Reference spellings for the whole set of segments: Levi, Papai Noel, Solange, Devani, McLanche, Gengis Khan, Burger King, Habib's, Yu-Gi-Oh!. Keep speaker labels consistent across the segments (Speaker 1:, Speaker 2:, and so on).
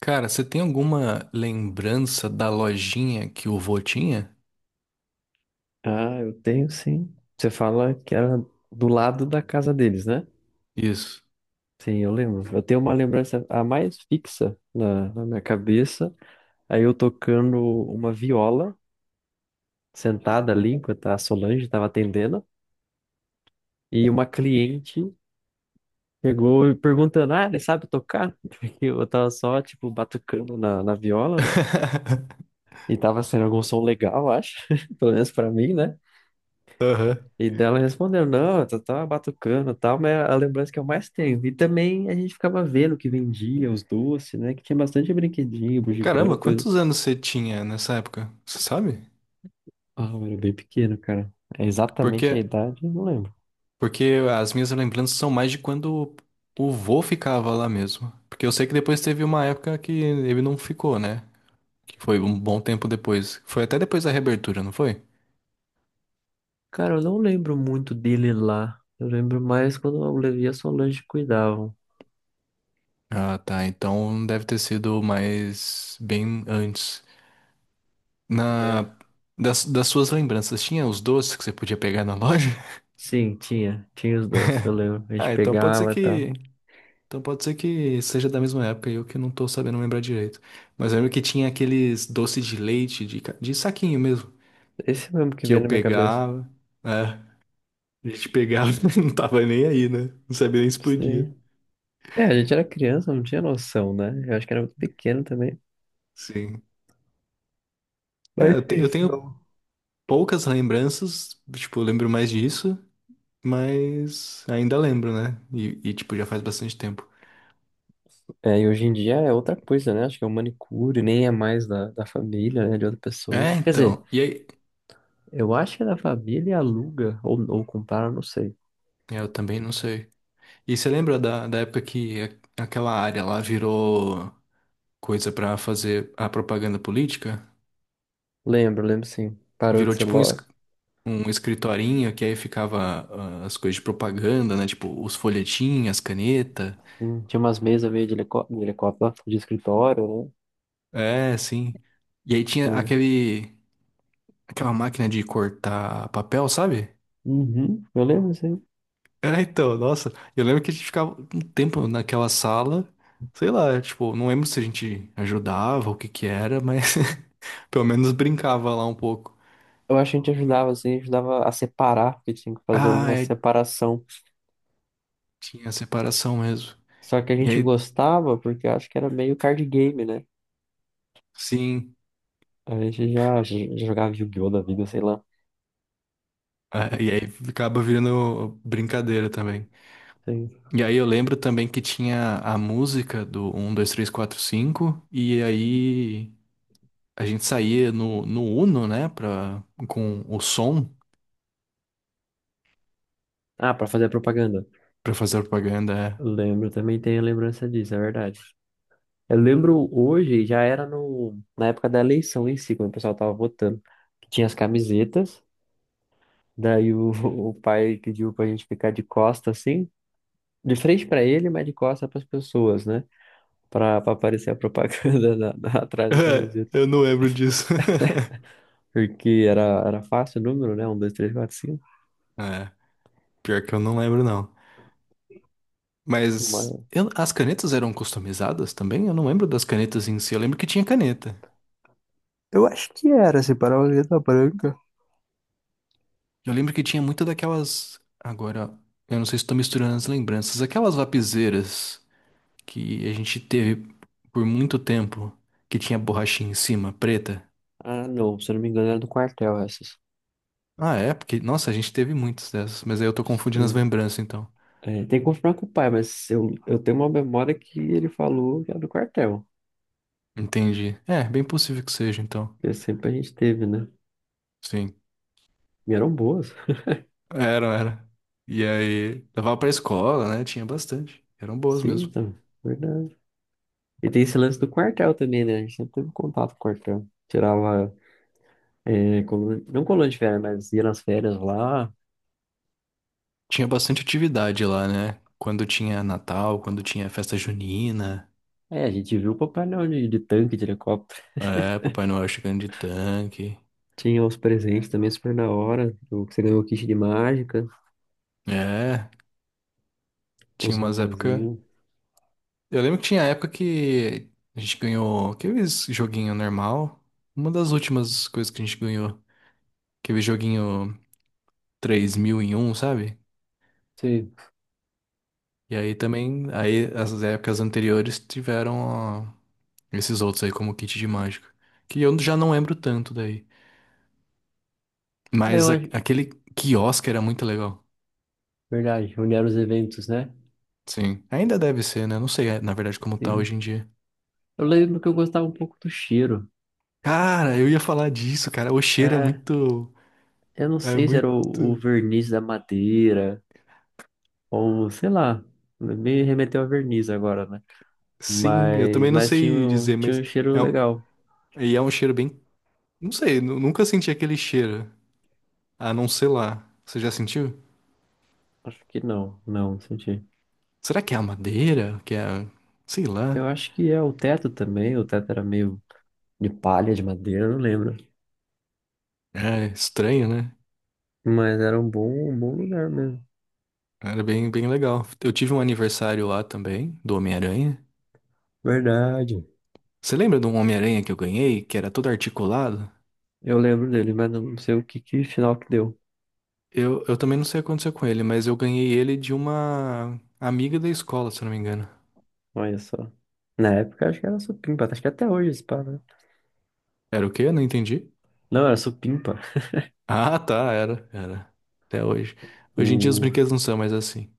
Speaker 1: Cara, você tem alguma lembrança da lojinha que o vô tinha?
Speaker 2: Ah, eu tenho sim. Você fala que era do lado da casa deles, né?
Speaker 1: Isso.
Speaker 2: Sim, eu lembro. Eu tenho uma lembrança a mais fixa na minha cabeça. Aí eu tocando uma viola, sentada ali, enquanto a Solange estava atendendo, e uma cliente chegou e perguntando: Ah, ele sabe tocar? Porque eu tava só, tipo, batucando na viola, né? E tava sendo algum som legal, eu acho. Pelo menos pra mim, né?
Speaker 1: Aham.
Speaker 2: E dela respondeu, não, eu só tava batucando e tal, mas é a lembrança que eu mais tenho. E também a gente ficava vendo o que vendia, os doces, né? Que tinha bastante brinquedinho, bugiganga,
Speaker 1: Caramba,
Speaker 2: coisa.
Speaker 1: quantos anos você tinha nessa época? Você sabe?
Speaker 2: Ah, eu era bem pequeno, cara. É exatamente a
Speaker 1: Porque,
Speaker 2: idade, eu não lembro.
Speaker 1: porque as minhas lembranças são mais de quando o vô ficava lá mesmo. Porque eu sei que depois teve uma época que ele não ficou, né? Que foi um bom tempo depois. Foi até depois da reabertura, não foi?
Speaker 2: Cara, eu não lembro muito dele lá. Eu lembro mais quando o Levi e a Solange cuidavam.
Speaker 1: Ah, tá. Então deve ter sido mais bem antes.
Speaker 2: É.
Speaker 1: Na, das suas lembranças, tinha os doces que você podia pegar na loja?
Speaker 2: Sim, tinha. Tinha os doces, eu lembro. A gente
Speaker 1: Ah, então pode ser
Speaker 2: pegava e tal.
Speaker 1: que. Então pode ser que seja da mesma época e eu que não tô sabendo lembrar direito. Mas eu lembro que tinha aqueles doces de leite, de, de saquinho mesmo,
Speaker 2: Esse mesmo que
Speaker 1: que
Speaker 2: veio
Speaker 1: eu
Speaker 2: na minha cabeça.
Speaker 1: pegava. É, a gente pegava, não tava nem aí, né? Não sabia nem se podia.
Speaker 2: Sim. É, a gente era criança, não tinha noção, né? Eu acho que era muito pequeno também.
Speaker 1: Sim.
Speaker 2: Mas é
Speaker 1: Eu
Speaker 2: isso.
Speaker 1: tenho poucas lembranças, tipo, eu lembro mais disso, mas ainda lembro, né? E tipo, já faz bastante tempo.
Speaker 2: É, e hoje em dia é outra coisa, né? Acho que é o manicure, nem é mais da família, né? De outra pessoa.
Speaker 1: É,
Speaker 2: Quer dizer,
Speaker 1: então. E aí,
Speaker 2: eu acho que é da família e aluga, ou compara, não sei.
Speaker 1: é, eu também não sei. E você lembra da, da época que aquela área lá virou coisa pra fazer a propaganda política?
Speaker 2: Lembro, lembro sim. Parou de
Speaker 1: Virou
Speaker 2: ser
Speaker 1: tipo um,
Speaker 2: loja.
Speaker 1: um escritorinho que aí ficava as coisas de propaganda, né? Tipo os folhetinhos, as canetas.
Speaker 2: Hum. Tinha umas mesas meio de de helicóptero, né? De escritório, né?
Speaker 1: É, sim. E aí tinha
Speaker 2: Sim.
Speaker 1: aquele, aquela máquina de cortar papel, sabe?
Speaker 2: Uhum, eu lembro sim.
Speaker 1: É, então, nossa, eu lembro que a gente ficava um tempo naquela sala, sei lá, tipo, não lembro se a gente ajudava, o que que era, mas pelo menos brincava lá um pouco.
Speaker 2: Eu acho que a gente ajudava, assim, ajudava a separar, porque tinha que fazer
Speaker 1: Ah,
Speaker 2: uma
Speaker 1: é,
Speaker 2: separação.
Speaker 1: tinha separação mesmo.
Speaker 2: Só que a
Speaker 1: E
Speaker 2: gente
Speaker 1: aí,
Speaker 2: gostava, porque eu acho que era meio card game, né?
Speaker 1: sim,
Speaker 2: A gente já jogava Yu-Gi-Oh! Da vida, sei lá.
Speaker 1: é, e aí acaba virando brincadeira também.
Speaker 2: Sim.
Speaker 1: E aí eu lembro também que tinha a música do um, 2, 3, 4, 5. E aí a gente saía no Uno, né, pra, com o som
Speaker 2: Ah, pra fazer propaganda.
Speaker 1: pra fazer a propaganda. É.
Speaker 2: Lembro, também tenho lembrança disso, é verdade. Eu lembro hoje, já era no, na época da eleição em si, quando o pessoal tava votando, que tinha as camisetas, daí o, o pai pediu pra gente ficar de costa assim, de frente pra ele, mas de costa pras pessoas, né? Pra aparecer a propaganda atrás da
Speaker 1: É,
Speaker 2: camiseta.
Speaker 1: eu não lembro disso.
Speaker 2: Porque era fácil o número, né? Um, dois, três, quatro, cinco.
Speaker 1: É, pior que eu não lembro, não.
Speaker 2: Mas...
Speaker 1: As canetas eram customizadas também? Eu não lembro das canetas em si. Eu lembro que tinha caneta.
Speaker 2: eu acho que era, se parar uma letra branca.
Speaker 1: Eu lembro que tinha muita daquelas. Agora, eu não sei se estou misturando as lembranças. Aquelas lapiseiras que a gente teve por muito tempo, que tinha borrachinha em cima, preta.
Speaker 2: Ah, não, se eu não me engano, era do quartel essas.
Speaker 1: Ah, é? Porque, nossa, a gente teve muitas dessas. Mas aí eu tô confundindo as
Speaker 2: Sim.
Speaker 1: lembranças, então.
Speaker 2: É, tem que confirmar com o pai, mas eu tenho uma memória que ele falou que era do quartel.
Speaker 1: Entendi. É, bem possível que seja, então.
Speaker 2: Que sempre a gente teve, né?
Speaker 1: Sim.
Speaker 2: E eram boas.
Speaker 1: Era, era. E aí, levava pra escola, né? Tinha bastante. Eram boas
Speaker 2: Sim,
Speaker 1: mesmo.
Speaker 2: então, verdade. E tem esse lance do quartel também, né? A gente sempre teve contato com o quartel. Tirava, é, não coluna de férias, mas ia nas férias lá.
Speaker 1: Tinha bastante atividade lá, né? Quando tinha Natal, quando tinha festa junina.
Speaker 2: É, a gente viu o Papai Noel de tanque, de helicóptero.
Speaker 1: É, Papai Noel chegando de tanque.
Speaker 2: Tinha os presentes também super da hora. O que você ganhou o kit de mágica,
Speaker 1: É, tinha
Speaker 2: os
Speaker 1: umas épocas.
Speaker 2: robozinhos.
Speaker 1: Eu lembro que tinha época que a gente ganhou aqueles joguinho normal. Uma das últimas coisas que a gente ganhou. Aquele joguinho 3000 em 1, sabe?
Speaker 2: Sim.
Speaker 1: E aí também, aí as épocas anteriores tiveram. Esses outros aí, como o kit de mágica. Que eu já não lembro tanto daí.
Speaker 2: É, eu acho,
Speaker 1: Aquele quiosque era muito legal.
Speaker 2: verdade, onde eram os eventos, né?
Speaker 1: Sim. Ainda deve ser, né? Não sei, é, na verdade, como tá hoje
Speaker 2: Sim.
Speaker 1: em dia.
Speaker 2: Eu lembro que eu gostava um pouco do cheiro.
Speaker 1: Cara, eu ia falar disso, cara. O cheiro é
Speaker 2: É,
Speaker 1: muito.
Speaker 2: eu não
Speaker 1: É
Speaker 2: sei se era
Speaker 1: muito.
Speaker 2: o verniz da madeira, ou sei lá, me remeteu a verniz agora, né?
Speaker 1: Sim, eu
Speaker 2: Mas,
Speaker 1: também não
Speaker 2: mas tinha,
Speaker 1: sei dizer,
Speaker 2: tinha
Speaker 1: mas.
Speaker 2: um cheiro
Speaker 1: É um...
Speaker 2: legal.
Speaker 1: E é um cheiro bem. Não sei, nunca senti aquele cheiro. A não ser lá. Você já sentiu?
Speaker 2: Acho que não, não senti.
Speaker 1: Será que é a madeira? Que é. Sei lá.
Speaker 2: Eu acho que é o teto também, o teto era meio de palha, de madeira, eu não lembro.
Speaker 1: É estranho, né?
Speaker 2: Mas era um bom lugar mesmo.
Speaker 1: Era bem, bem legal. Eu tive um aniversário lá também, do Homem-Aranha.
Speaker 2: Verdade.
Speaker 1: Você lembra de um Homem-Aranha que eu ganhei, que era todo articulado?
Speaker 2: Eu lembro dele, mas não sei o que, que final que deu.
Speaker 1: Eu também não sei o que aconteceu com ele, mas eu ganhei ele de uma amiga da escola, se eu não me engano.
Speaker 2: Olha só. Na época acho que era supimpa, acho que até hoje esse pá, né?
Speaker 1: Era o quê? Eu não entendi.
Speaker 2: Não, era supimpa.
Speaker 1: Ah, tá, era, era. Até hoje. Hoje em dia os
Speaker 2: O...
Speaker 1: brinquedos não são mais assim.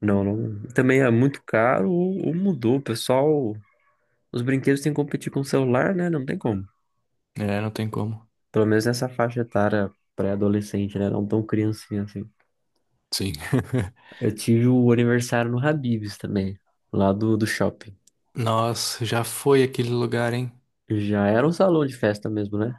Speaker 2: não, não. Também é muito caro ou mudou. O pessoal, os brinquedos têm que competir com o celular, né? Não tem como.
Speaker 1: É, não tem como.
Speaker 2: Pelo menos nessa faixa etária pré-adolescente, né? Não tão criancinha assim.
Speaker 1: Sim.
Speaker 2: Eu tive o aniversário no Habib's também, lá do shopping.
Speaker 1: Nossa, já foi aquele lugar, hein?
Speaker 2: Já era um salão de festa mesmo, né?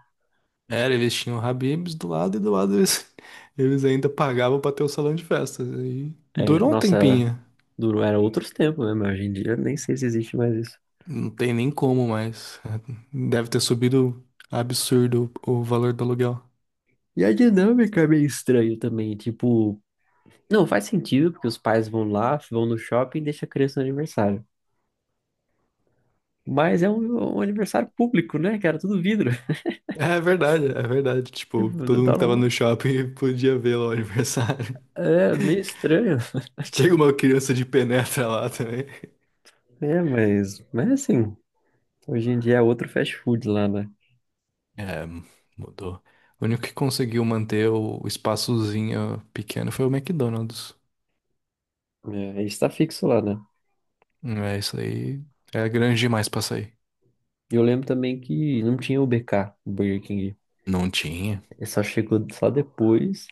Speaker 1: Era, eles tinham o Habib's do lado e do lado eles, eles ainda pagavam pra ter o salão de festas. E
Speaker 2: É,
Speaker 1: durou um
Speaker 2: nossa, era,
Speaker 1: tempinho.
Speaker 2: durou, era outros tempos mesmo. Hoje em dia nem sei se existe mais isso.
Speaker 1: Não tem nem como mais. Deve ter subido absurdo o valor do aluguel.
Speaker 2: E a dinâmica é meio estranha também. Tipo, não faz sentido, porque os pais vão lá, vão no shopping e deixam a criança no aniversário. Mas é um, um aniversário público, né, cara? Tudo vidro.
Speaker 1: É verdade, é verdade. Tipo,
Speaker 2: Tipo, você
Speaker 1: todo mundo
Speaker 2: tá
Speaker 1: que tava
Speaker 2: numa...
Speaker 1: no shopping podia ver lá o aniversário.
Speaker 2: é meio estranho.
Speaker 1: Chega uma criança de penetra lá também.
Speaker 2: É, mas assim, hoje em dia é outro fast food lá, né?
Speaker 1: É, mudou. O único que conseguiu manter o espaçozinho pequeno foi o McDonald's.
Speaker 2: É, está fixo lá, né?
Speaker 1: É, isso aí é grande demais pra sair.
Speaker 2: E eu lembro também que não tinha o BK, o Burger King.
Speaker 1: Não tinha.
Speaker 2: Ele só chegou só depois.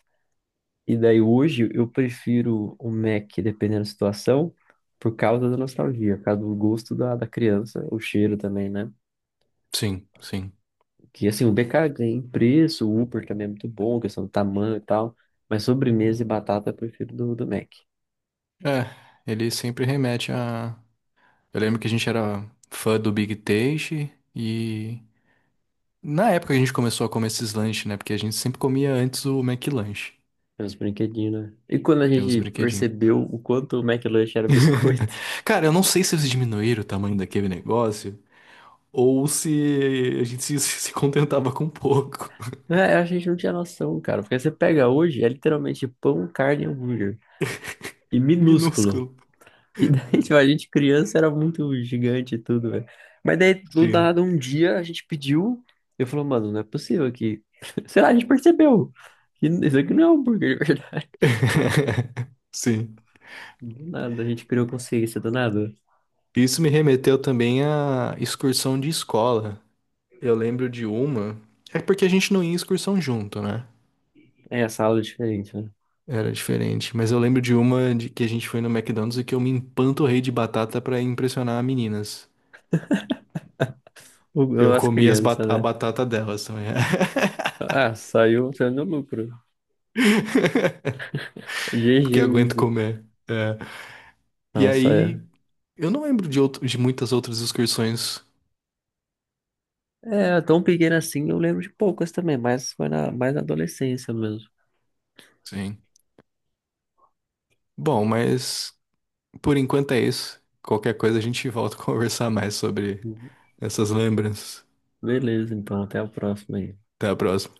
Speaker 2: E daí hoje eu prefiro o Mac, dependendo da situação, por causa da nostalgia, por causa do gosto da criança, o cheiro também, né?
Speaker 1: Sim, sim.
Speaker 2: Que assim, o BK ganha em preço, o Upper também é muito bom, questão do tamanho e tal. Mas sobremesa e batata eu prefiro do Mac.
Speaker 1: É, ele sempre remete a eu lembro que a gente era fã do Big Taste. E na época a gente começou a comer esses lanches, né? Porque a gente sempre comia antes o McLanche,
Speaker 2: É uns brinquedinhos, né? E quando a
Speaker 1: que é os
Speaker 2: gente
Speaker 1: brinquedinhos.
Speaker 2: percebeu o quanto o McLanche era biscoito,
Speaker 1: Cara, eu não sei se eles diminuíram o tamanho daquele negócio ou se a gente se contentava com pouco.
Speaker 2: né? A gente não tinha noção, cara. Porque você pega hoje, é literalmente pão, carne e hambúrguer. E minúsculo.
Speaker 1: Minúsculo.
Speaker 2: E daí, tipo, a gente criança era muito gigante e tudo, velho. Mas daí, do
Speaker 1: Sim.
Speaker 2: nada, um dia a gente pediu. Eu falei, mano, não é possível que. Sei lá, a gente percebeu. Que isso aqui não é hambúrguer.
Speaker 1: Sim.
Speaker 2: Do nada, a gente criou consciência, do nada.
Speaker 1: Isso me remeteu também à excursão de escola. Eu lembro de uma. É porque a gente não ia em excursão junto, né?
Speaker 2: É, essa aula é diferente, né?
Speaker 1: Era diferente. Mas eu lembro de uma de que a gente foi no McDonald's e que eu me empanturrei de batata pra impressionar as meninas. Eu
Speaker 2: As
Speaker 1: comi as
Speaker 2: crianças,
Speaker 1: a
Speaker 2: né?
Speaker 1: batata delas também.
Speaker 2: Ah, saiu, saiu no lucro. GG,
Speaker 1: Porque eu aguento
Speaker 2: easy.
Speaker 1: comer. É. E
Speaker 2: Nossa,
Speaker 1: aí,
Speaker 2: é.
Speaker 1: eu não lembro de, outro, de muitas outras excursões.
Speaker 2: É, tão pequena assim, eu lembro de poucas também, mas foi na, mais na adolescência mesmo.
Speaker 1: Sim. Bom, mas por enquanto é isso. Qualquer coisa a gente volta a conversar mais sobre
Speaker 2: Uhum.
Speaker 1: essas lembranças.
Speaker 2: Beleza, então, até a próxima aí.
Speaker 1: Até a próxima.